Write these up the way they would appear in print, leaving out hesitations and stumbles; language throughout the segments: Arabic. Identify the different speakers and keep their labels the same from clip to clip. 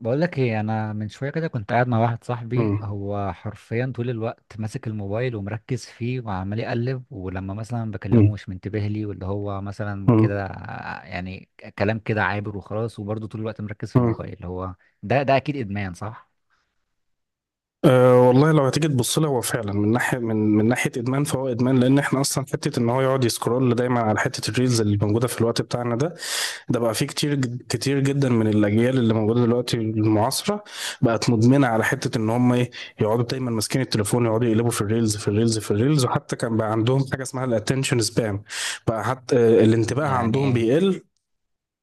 Speaker 1: بقول لك ايه؟ انا من شويه كده كنت قاعد مع واحد صاحبي،
Speaker 2: مم.
Speaker 1: هو حرفيا طول الوقت ماسك الموبايل ومركز فيه وعمال يقلب، ولما مثلا بكلمه
Speaker 2: مم.
Speaker 1: مش منتبه لي، واللي هو مثلا
Speaker 2: مم.
Speaker 1: كده كلام كده عابر وخلاص، وبرضه طول الوقت مركز في
Speaker 2: مم.
Speaker 1: الموبايل هو. ده اكيد ادمان، صح؟
Speaker 2: أه والله لو هتيجي تبص لها هو فعلا من ناحيه من ناحيه ادمان، فهو ادمان لان احنا اصلا حته ان هو يقعد يسكرول دايما على حته الريلز اللي موجوده في الوقت بتاعنا ده. ده بقى فيه كتير كتير جدا من الاجيال اللي موجوده دلوقتي المعاصره، بقت مدمنه على حته ان هم ايه؟ يقعدوا دايما ماسكين التليفون، يقعدوا يقلبوا في الريلز في الريلز في الريلز، وحتى كان بقى عندهم حاجه اسمها الاتنشن سبان. بقى حتى الانتباه
Speaker 1: يعني
Speaker 2: عندهم
Speaker 1: ايه؟
Speaker 2: بيقل.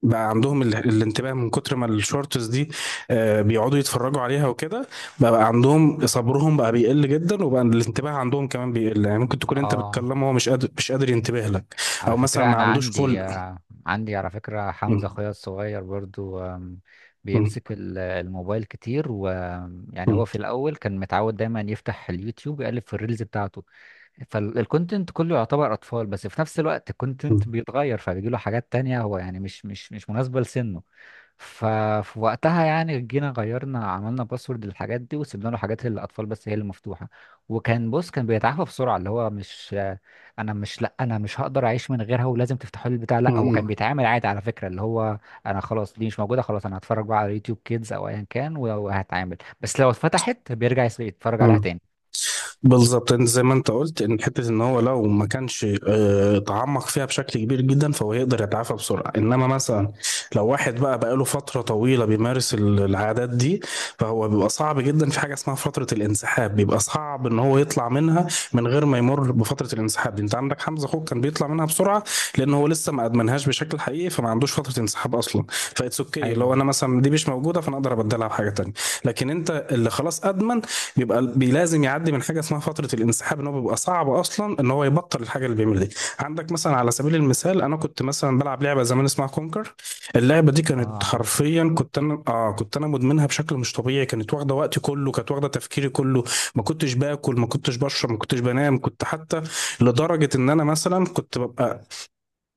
Speaker 2: بقى عندهم الانتباه من كتر ما الشورتس دي بيقعدوا يتفرجوا عليها وكده. بقى عندهم صبرهم بقى بيقل جدا، وبقى الانتباه عندهم كمان بيقل. يعني ممكن تكون انت
Speaker 1: اه،
Speaker 2: بتكلمه هو مش قادر ينتبه لك،
Speaker 1: على
Speaker 2: او مثلا
Speaker 1: فكرة
Speaker 2: ما
Speaker 1: أنا
Speaker 2: عندوش
Speaker 1: عندي
Speaker 2: خلق.
Speaker 1: عندي على فكرة حمزة
Speaker 2: م-
Speaker 1: أخويا الصغير برضو، بيمسك
Speaker 2: م-
Speaker 1: الموبايل كتير، ويعني هو
Speaker 2: م-
Speaker 1: في الأول كان متعود دايما يفتح اليوتيوب يقلب في الريلز بتاعته. فالكونتنت كله يعتبر أطفال، بس في نفس الوقت الكونتنت
Speaker 2: م-
Speaker 1: بيتغير فبيجيله حاجات تانية هو يعني مش مناسبة لسنه. ففي وقتها يعني جينا غيرنا، عملنا باسورد للحاجات دي وسيبنا له حاجات اللي الاطفال بس هي اللي مفتوحه. وكان بص، كان بيتعافى بسرعه، اللي هو مش انا مش هقدر اعيش من غيرها ولازم تفتحوا لي البتاع، لا، هو كان
Speaker 2: م-
Speaker 1: بيتعامل عادي على فكره، اللي هو انا خلاص دي مش موجوده، خلاص انا هتفرج بقى على يوتيوب كيدز او ايا كان وهتعامل، بس لو اتفتحت بيرجع يتفرج عليها
Speaker 2: م-
Speaker 1: تاني.
Speaker 2: بالظبط. انت زي ما انت قلت، ان حته ان هو لو ما كانش تعمق فيها بشكل كبير جدا فهو يقدر يتعافى بسرعه، انما مثلا لو واحد بقى بقاله فتره طويله بيمارس العادات دي، فهو بيبقى صعب جدا، في حاجه اسمها فتره الانسحاب، بيبقى صعب ان هو يطلع منها من غير ما يمر بفتره الانسحاب دي. انت عندك حمزه اخوك كان بيطلع منها بسرعه لان هو لسه ما ادمنهاش بشكل حقيقي، فما عندوش فتره انسحاب اصلا. فاتس اوكي لو
Speaker 1: ايوه،
Speaker 2: انا مثلا دي مش موجوده فانا اقدر ابدلها بحاجه تانيه، لكن انت اللي خلاص ادمن بيبقى لازم يعدي من حاجه اسمها فتره الانسحاب، ان هو بيبقى صعب اصلا ان هو يبطل الحاجه اللي بيعملها دي. عندك مثلا على سبيل المثال انا كنت مثلا بلعب لعبه زمان اسمها كونكر، اللعبه دي
Speaker 1: اه
Speaker 2: كانت
Speaker 1: عارفها.
Speaker 2: حرفيا، كنت انا كنت انا مدمنها بشكل مش طبيعي، كانت واخده وقتي كله، كانت واخده تفكيري كله، ما كنتش باكل، ما كنتش بشرب، ما كنتش بنام، كنت حتى لدرجه ان انا مثلا كنت ببقى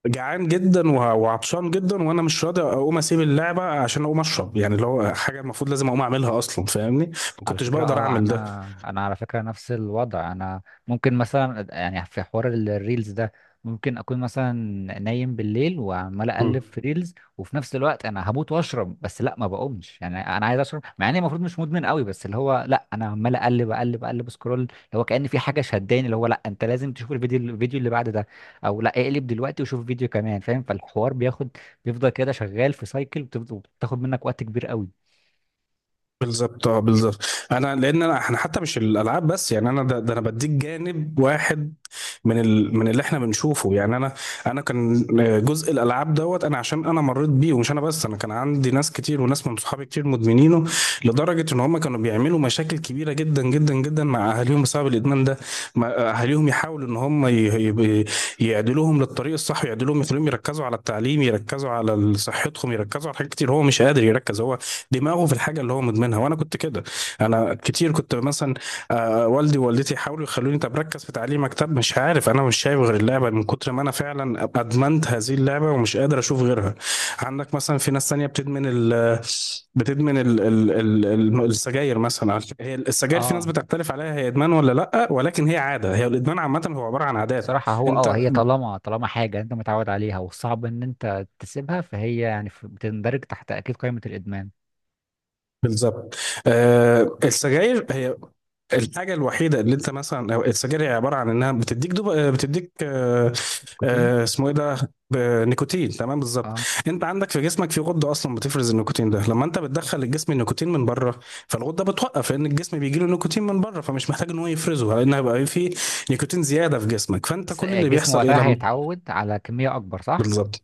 Speaker 2: جعان جدا وعطشان جدا، وانا مش راضي اقوم اسيب اللعبه عشان اقوم اشرب، يعني اللي هو حاجه المفروض لازم اقوم اعملها اصلا، فاهمني، ما
Speaker 1: على
Speaker 2: كنتش
Speaker 1: فكرة
Speaker 2: بقدر
Speaker 1: اه،
Speaker 2: اعمل ده.
Speaker 1: انا على فكرة نفس الوضع انا. ممكن مثلا يعني في حوار الريلز ده، ممكن اكون مثلا نايم بالليل وعمال اقلب
Speaker 2: مم.
Speaker 1: في ريلز، وفي نفس الوقت انا هموت واشرب، بس لا ما بقومش، يعني انا عايز اشرب مع اني المفروض مش مدمن قوي، بس اللي هو لا انا عمال اقلب سكرول، اللي هو كأن في حاجة شداني، اللي هو لا انت لازم تشوف الفيديو، الفيديو اللي بعد ده، او لا اقلب دلوقتي وشوف فيديو كمان، فاهم؟ فالحوار بياخد، بيفضل كده شغال في سايكل، وبتاخد منك وقت كبير قوي.
Speaker 2: بالظبط، اه بالظبط. انا لان انا احنا حتى مش الالعاب بس، يعني انا ده انا بديك جانب واحد من ال من اللي احنا بنشوفه. يعني انا كان جزء الالعاب دوت، انا عشان انا مريت بيه، ومش انا بس، انا كان عندي ناس كتير وناس من صحابي كتير مدمنينه، لدرجه ان هم كانوا بيعملوا مشاكل كبيره جدا جدا جدا مع اهاليهم بسبب الادمان ده. اهاليهم يحاولوا ان هم ي- يعدلوهم للطريق الصح، يعدلوهم يخليهم يركزوا على التعليم، يركزوا على صحتهم، يركزوا على حاجات كتير. هو مش قادر يركز، هو دماغه في الحاجه اللي هو مدمنها. وانا كنت كده، انا كتير كنت مثلا والدي ووالدتي يحاولوا يخلوني، طب ركز في تعليمك، طب مش عارف، انا مش شايف غير اللعبه من كتر ما انا فعلا ادمنت هذه اللعبه ومش قادر اشوف غيرها. عندك مثلا في ناس تانية بتدمن السجاير مثلا. هي السجاير في ناس
Speaker 1: اه
Speaker 2: بتختلف عليها، هي ادمان ولا لا، ولكن هي عاده. هي الادمان عامه هو عباره عن عادات.
Speaker 1: بصراحة هو اه،
Speaker 2: انت
Speaker 1: هي طالما حاجة انت متعود عليها وصعب ان انت تسيبها، فهي يعني بتندرج تحت اكيد قائمة الادمان.
Speaker 2: بالظبط. آه، السجاير هي الحاجة الوحيدة اللي انت مثلا، أو السجاير هي عبارة عن انها بتديك دوب، بتديك
Speaker 1: النيكوتين.
Speaker 2: اسمه ايه ده؟ ب- نيكوتين، تمام، بالظبط.
Speaker 1: اه
Speaker 2: انت عندك في جسمك في غدة اصلا بتفرز النيكوتين ده. لما انت بتدخل الجسم النيكوتين من بره، فالغدة بتوقف لان الجسم بيجي له نيكوتين من بره، فمش محتاج ان هو يفرزه لان هيبقى في نيكوتين زيادة في جسمك. فانت
Speaker 1: بس
Speaker 2: كل اللي
Speaker 1: الجسم
Speaker 2: بيحصل ايه
Speaker 1: وقتها
Speaker 2: لما؟
Speaker 1: هيتعود على كمية اكبر، صح؟
Speaker 2: بالظبط.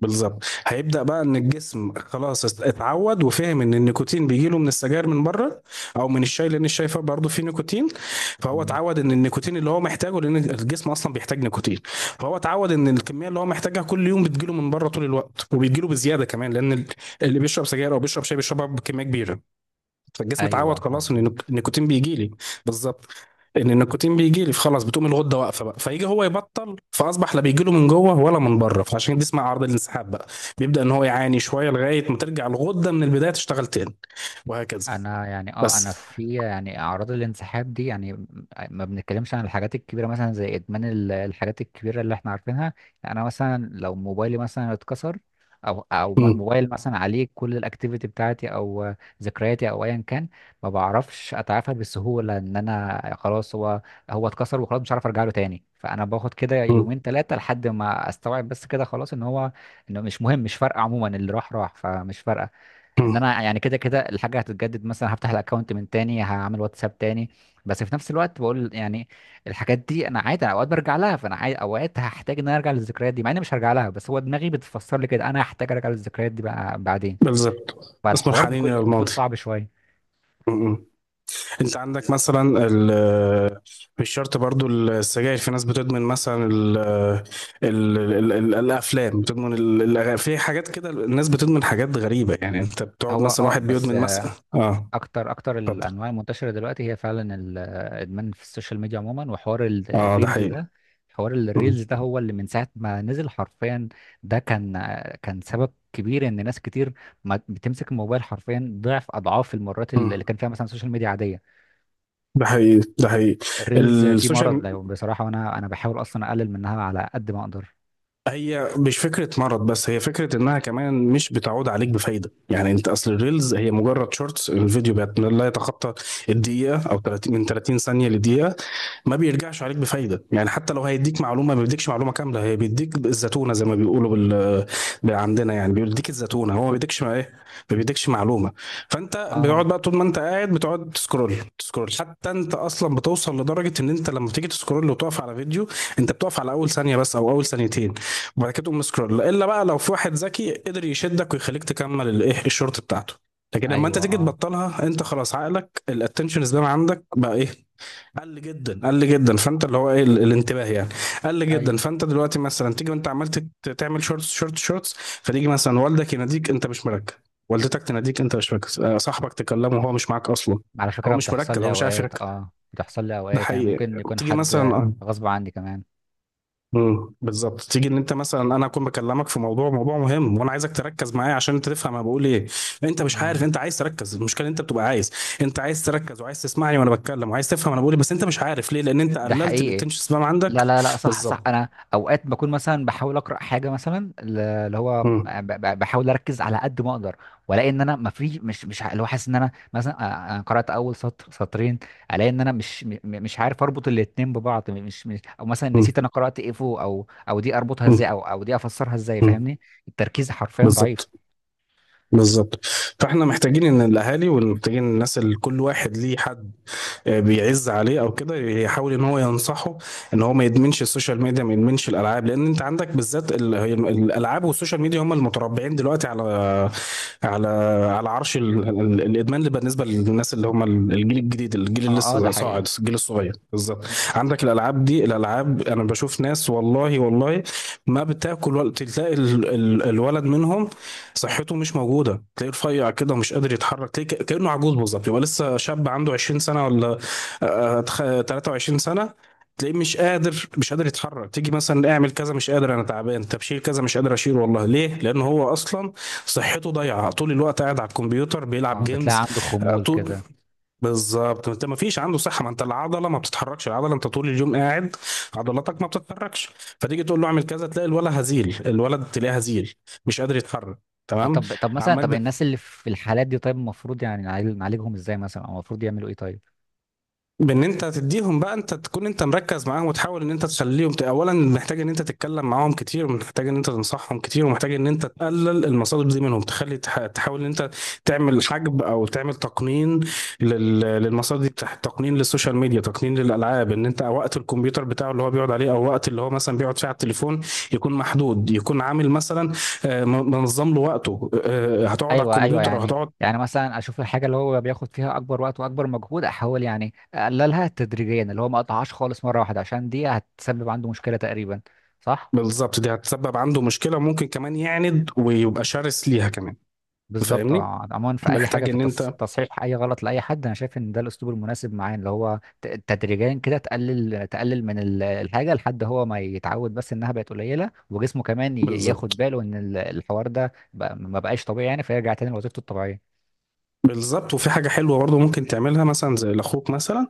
Speaker 2: بالظبط هيبدأ بقى ان الجسم خلاص اتعود، وفهم ان النيكوتين بيجيله من السجاير من بره او من الشاي، لان الشاي فيه برضه فيه نيكوتين. فهو
Speaker 1: مم.
Speaker 2: اتعود ان النيكوتين اللي هو محتاجه، لان الجسم اصلا بيحتاج نيكوتين، فهو اتعود ان الكمية اللي هو محتاجها كل يوم بتجيله من بره طول الوقت، وبيجيله بزيادة كمان، لان اللي بيشرب سجاير او بيشرب شاي بيشربها بكمية كبيرة. فالجسم اتعود
Speaker 1: ايوه
Speaker 2: خلاص ان
Speaker 1: مظبوط.
Speaker 2: النيكوتين بيجيلي. بالظبط، ان النيكوتين بيجي لي، فخلاص بتقوم الغده واقفه بقى. فيجي هو يبطل، فاصبح لا بيجي له من جوه ولا من بره، فعشان كده اسمها عرض الانسحاب بقى. بيبدا ان هو يعاني شويه لغايه ما ترجع الغده من البدايه تشتغل تاني، وهكذا.
Speaker 1: انا يعني اه، انا
Speaker 2: بس
Speaker 1: في يعني اعراض الانسحاب دي يعني ما بنتكلمش عن الحاجات الكبيره مثلا زي ادمان الحاجات الكبيره اللي احنا عارفينها. يعني انا مثلا لو موبايلي مثلا اتكسر، او
Speaker 2: م-
Speaker 1: موبايل مثلا عليه كل الاكتيفيتي بتاعتي او ذكرياتي او ايا كان، ما بعرفش اتعافى بسهوله ان انا خلاص هو، هو اتكسر وخلاص مش عارف ارجع له تاني، فانا باخد كده
Speaker 2: م-
Speaker 1: يومين ثلاثه لحد ما استوعب بس كده خلاص ان هو انه مش مهم مش فارقه، عموما اللي راح راح فمش فارقه. ان
Speaker 2: م.
Speaker 1: انا يعني كده الحاجه هتتجدد، مثلا هفتح الاكونت من تاني، هعمل واتساب تاني. بس في نفس الوقت بقول يعني الحاجات دي انا عادي، انا اوقات برجع لها، فانا عادي اوقات هحتاج ان انا ارجع للذكريات دي مع اني مش هرجع لها، بس هو دماغي بتفسر لي كده انا هحتاج ارجع للذكريات دي بقى بعدين.
Speaker 2: بالظبط، اسمه
Speaker 1: فالحوار
Speaker 2: الحنين الى
Speaker 1: بيكون
Speaker 2: الماضي.
Speaker 1: صعب شويه.
Speaker 2: م. انت عندك مثلا مش شرط برضو السجاير، في ناس بتدمن مثلا ال آه، ال ال ال الافلام، بتدمن في حاجات كده الناس بتدمن حاجات غريبة. يعني انت بتقعد
Speaker 1: هو
Speaker 2: مثلا،
Speaker 1: اه
Speaker 2: واحد
Speaker 1: بس،
Speaker 2: بيدمن مثلا اه.
Speaker 1: اكتر
Speaker 2: اتفضل.
Speaker 1: الانواع المنتشره دلوقتي هي فعلا الادمان في السوشيال ميديا عموما وحوار
Speaker 2: اه ده
Speaker 1: الريلز
Speaker 2: حقيقي.
Speaker 1: ده. حوار
Speaker 2: مم.
Speaker 1: الريلز ده هو اللي من ساعه ما نزل حرفيا، ده كان، كان سبب كبير ان ناس كتير ما بتمسك الموبايل حرفيا ضعف اضعاف المرات اللي
Speaker 2: مم.
Speaker 1: كان فيها مثلا السوشيال ميديا عاديه.
Speaker 2: ده حقيقي، ده حقيقي.
Speaker 1: الريلز دي
Speaker 2: السوشيال
Speaker 1: مرض
Speaker 2: م-
Speaker 1: يعني بصراحه، وانا بحاول اصلا اقلل منها على قد ما اقدر.
Speaker 2: هي مش فكرة مرض، بس هي فكرة انها كمان مش بتعود عليك بفايدة. يعني انت اصل الريلز هي مجرد شورتس، الفيديو لا يتخطى الدقيقة، او 30 من 30 ثانية لدقيقة. ما بيرجعش عليك بفايده، يعني حتى لو هيديك معلومه، ما بيديكش معلومه كامله، هي بيديك الزتونه زي ما بيقولوا بال، عندنا، يعني بيديك الزتونه، هو ما بيديكش، ما ايه، ما بيديكش معلومه. فانت
Speaker 1: اه.
Speaker 2: بتقعد بقى، طول ما انت قاعد بتقعد تسكرول تسكرول، حتى انت اصلا بتوصل لدرجه ان انت لما تيجي تسكرول وتقف على فيديو، انت بتقف على اول ثانيه بس او اول ثانيتين، وبعد كده تقوم سكرول. الا بقى لو في واحد ذكي قدر يشدك ويخليك تكمل الايه، الشورت بتاعته. لكن لما انت
Speaker 1: ايوه.
Speaker 2: تيجي
Speaker 1: اه.
Speaker 2: تبطلها، انت خلاص عقلك الاتنشن سبان عندك بقى ايه؟ قل جدا، قل جدا. فانت اللي هو ايه، الانتباه يعني قل جدا.
Speaker 1: ايوه.
Speaker 2: فانت دلوقتي مثلا تيجي وانت عمال تعمل شورتس شورتس شورتس، فتيجي مثلا والدك يناديك انت مش مركز، والدتك تناديك انت مش مركز، صاحبك تكلمه وهو مش معاك اصلا.
Speaker 1: على
Speaker 2: هو
Speaker 1: فكره
Speaker 2: مش
Speaker 1: بتحصل
Speaker 2: مركز، هو
Speaker 1: لي
Speaker 2: مش عارف
Speaker 1: اوقات،
Speaker 2: يركز.
Speaker 1: اه بتحصل لي
Speaker 2: ده
Speaker 1: اوقات يعني
Speaker 2: حقيقي.
Speaker 1: ممكن يكون
Speaker 2: تيجي
Speaker 1: حد
Speaker 2: مثلا،
Speaker 1: غصب عني كمان.
Speaker 2: بالظبط، تيجي ان انت مثلا انا اكون بكلمك في موضوع، موضوع مهم، وانا عايزك تركز معايا عشان انت تفهم انا بقول ايه. انت مش
Speaker 1: اه
Speaker 2: عارف، انت عايز تركز، المشكله إن انت بتبقى عايز، انت عايز تركز وعايز تسمعني وانا بتكلم، وعايز تفهم انا بقول ايه، بس انت مش عارف ليه، لان انت
Speaker 1: ده
Speaker 2: قللت
Speaker 1: حقيقي.
Speaker 2: الاتنشن سبان عندك.
Speaker 1: لا لا لا، صح صح،
Speaker 2: بالظبط.
Speaker 1: انا اوقات بكون مثلا بحاول اقرا حاجه مثلا اللي هو
Speaker 2: امم
Speaker 1: بحاول اركز على قد ما اقدر، والاقي ان انا ما في مش مش ع- اللي هو حاسس ان انا مثلا أنا قرات اول سطر سطرين، الاقي ان انا مش م- م- مش عارف اربط الاتنين ببعض، مش او مثلا
Speaker 2: امم
Speaker 1: نسيت انا قرات ايه فوق، او او دي اربطها ازاي، او او دي افسرها ازاي،
Speaker 2: امم
Speaker 1: فاهمني؟ التركيز حرفيا
Speaker 2: بالظبط،
Speaker 1: ضعيف.
Speaker 2: بالظبط. فاحنا محتاجين ان الاهالي، ومحتاجين الناس اللي كل واحد ليه حد بيعز عليه او كده، يحاول ان هو ينصحه ان هو ما يدمنش السوشيال ميديا، ما يدمنش الالعاب. لان انت عندك بالذات الالعاب والسوشيال ميديا هم المتربعين دلوقتي على على عرش الادمان، اللي بالنسبه للناس اللي هم الجيل الجديد، الجيل اللي
Speaker 1: اه. اه ده
Speaker 2: لسه
Speaker 1: حقيقي.
Speaker 2: صاعد، الجيل الصغير بالظبط.
Speaker 1: مم.
Speaker 2: عندك الالعاب دي، الالعاب انا بشوف ناس، والله والله ما بتاكل، ولا تلاقي الولد منهم صحته مش موجوده، تلاقيه رفيع كده ومش قادر يتحرك، تلاقيه كانه عجوز بالظبط، يبقى لسه شاب عنده 20 سنه ولا 23 سنه، تلاقيه مش قادر يتحرك. تيجي مثلا اعمل كذا، مش قادر انا تعبان، طب شيل كذا، مش قادر اشيل والله. ليه؟ لان هو اصلا صحته ضايعه، طول الوقت قاعد على الكمبيوتر بيلعب
Speaker 1: اه بتلاقي
Speaker 2: جيمز.
Speaker 1: عنده خمول كده.
Speaker 2: بالظبط، انت ما فيش عنده صحه، ما انت العضله ما بتتحركش، العضله انت طول اليوم قاعد، عضلاتك ما بتتحركش، فتيجي تقول له اعمل كذا، تلاقي الولد هزيل، الولد تلاقيه هزيل مش قادر يتحرك.
Speaker 1: اه،
Speaker 2: تمام.
Speaker 1: طب طب مثلا طب
Speaker 2: عمال
Speaker 1: الناس اللي في الحالات دي طيب، المفروض يعني نعالجهم ازاي مثلا، او المفروض يعملوا ايه طيب؟
Speaker 2: بان انت تديهم بقى، انت تكون انت مركز معاهم وتحاول ان انت تخليهم اولا محتاج ان انت تتكلم معاهم كتير، ومحتاج ان انت تنصحهم كتير، ومحتاج ان انت تقلل المصادر دي منهم، تخلي تحاول ان انت تعمل حجب او تعمل تقنين للمصادر دي تقنين للسوشيال ميديا، تقنين للالعاب، ان انت وقت الكمبيوتر بتاعه اللي هو بيقعد عليه، او وقت اللي هو مثلا بيقعد فيه على التليفون يكون محدود، يكون عامل مثلا منظم له وقته، هتقعد على
Speaker 1: ايوه، ايوه،
Speaker 2: الكمبيوتر او
Speaker 1: يعني
Speaker 2: هتقعد.
Speaker 1: يعني مثلا اشوف الحاجه اللي هو بياخد فيها اكبر وقت واكبر مجهود، احاول يعني اقللها تدريجيا، اللي هو ما اقطعهاش خالص مره واحده عشان دي هتسبب عنده مشكله تقريبا. صح.
Speaker 2: بالظبط، دي هتسبب عنده مشكلة، ممكن كمان يعند ويبقى شرس ليها كمان.
Speaker 1: بالظبط.
Speaker 2: فاهمني،
Speaker 1: اه عموما في اي حاجه
Speaker 2: محتاج
Speaker 1: في
Speaker 2: ان انت،
Speaker 1: تصحيح اي غلط لاي حد، انا شايف ان ده الاسلوب المناسب معاه، اللي هو تدريجيا كده تقلل من الحاجه لحد هو ما يتعود بس انها بقت قليله، وجسمه كمان ياخد
Speaker 2: بالظبط،
Speaker 1: باله ان الحوار ده ما بقاش طبيعي يعني، فيرجع تاني لوظيفته الطبيعيه.
Speaker 2: بالظبط. وفي حاجة حلوة برضه ممكن تعملها مثلا زي لاخوك مثلا،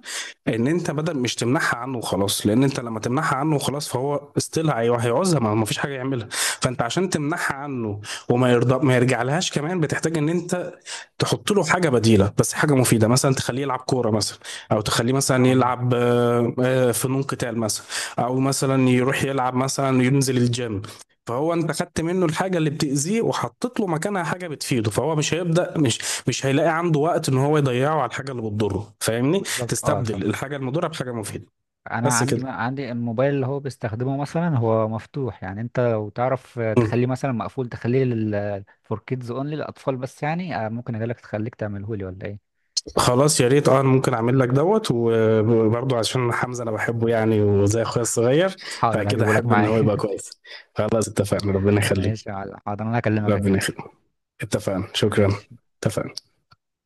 Speaker 2: ان انت بدل مش تمنعها عنه وخلاص، لان انت لما تمنعها عنه وخلاص فهو استيل هيعوزها، ما فيش حاجة يعملها. فانت عشان تمنعها عنه وما يرضى ما يرجع لهاش كمان، بتحتاج ان انت تحط له حاجه بديله، بس حاجه مفيده. مثلا تخليه يلعب كوره مثلا، او تخليه مثلا
Speaker 1: اه
Speaker 2: يلعب فنون قتال مثلا، او مثلا يروح يلعب مثلا ينزل الجيم. فهو انت خدت منه الحاجه اللي بتاذيه وحطيت له مكانها حاجه بتفيده، فهو مش هيبدا مش مش هيلاقي عنده وقت ان هو يضيعه على الحاجه اللي بتضره، فاهمني.
Speaker 1: بالظبط. اه طب،
Speaker 2: تستبدل الحاجه المضره بحاجه مفيده.
Speaker 1: انا
Speaker 2: بس
Speaker 1: عندي
Speaker 2: كده.
Speaker 1: عندي الموبايل اللي هو بيستخدمه مثلا هو مفتوح، يعني انت لو تعرف تخليه مثلا مقفول، تخليه لل فور كيدز اونلي للاطفال بس يعني، ممكن اجيلك تخليك تعمله لي ولا ايه؟
Speaker 2: خلاص يا ريت، اه انا ممكن اعمل لك دوت، وبرضه عشان حمزة، انا بحبه يعني وزي اخويا الصغير،
Speaker 1: حاضر
Speaker 2: فاكيد
Speaker 1: هجيبه لك
Speaker 2: هحب ان هو
Speaker 1: معايا.
Speaker 2: يبقى كويس. خلاص اتفقنا، ربنا
Speaker 1: ماشي
Speaker 2: يخليك.
Speaker 1: يا معلم. حاضر انا هكلمك
Speaker 2: ربنا
Speaker 1: اكيد.
Speaker 2: يخليك. اتفقنا، شكرا.
Speaker 1: ماشي.
Speaker 2: اتفقنا.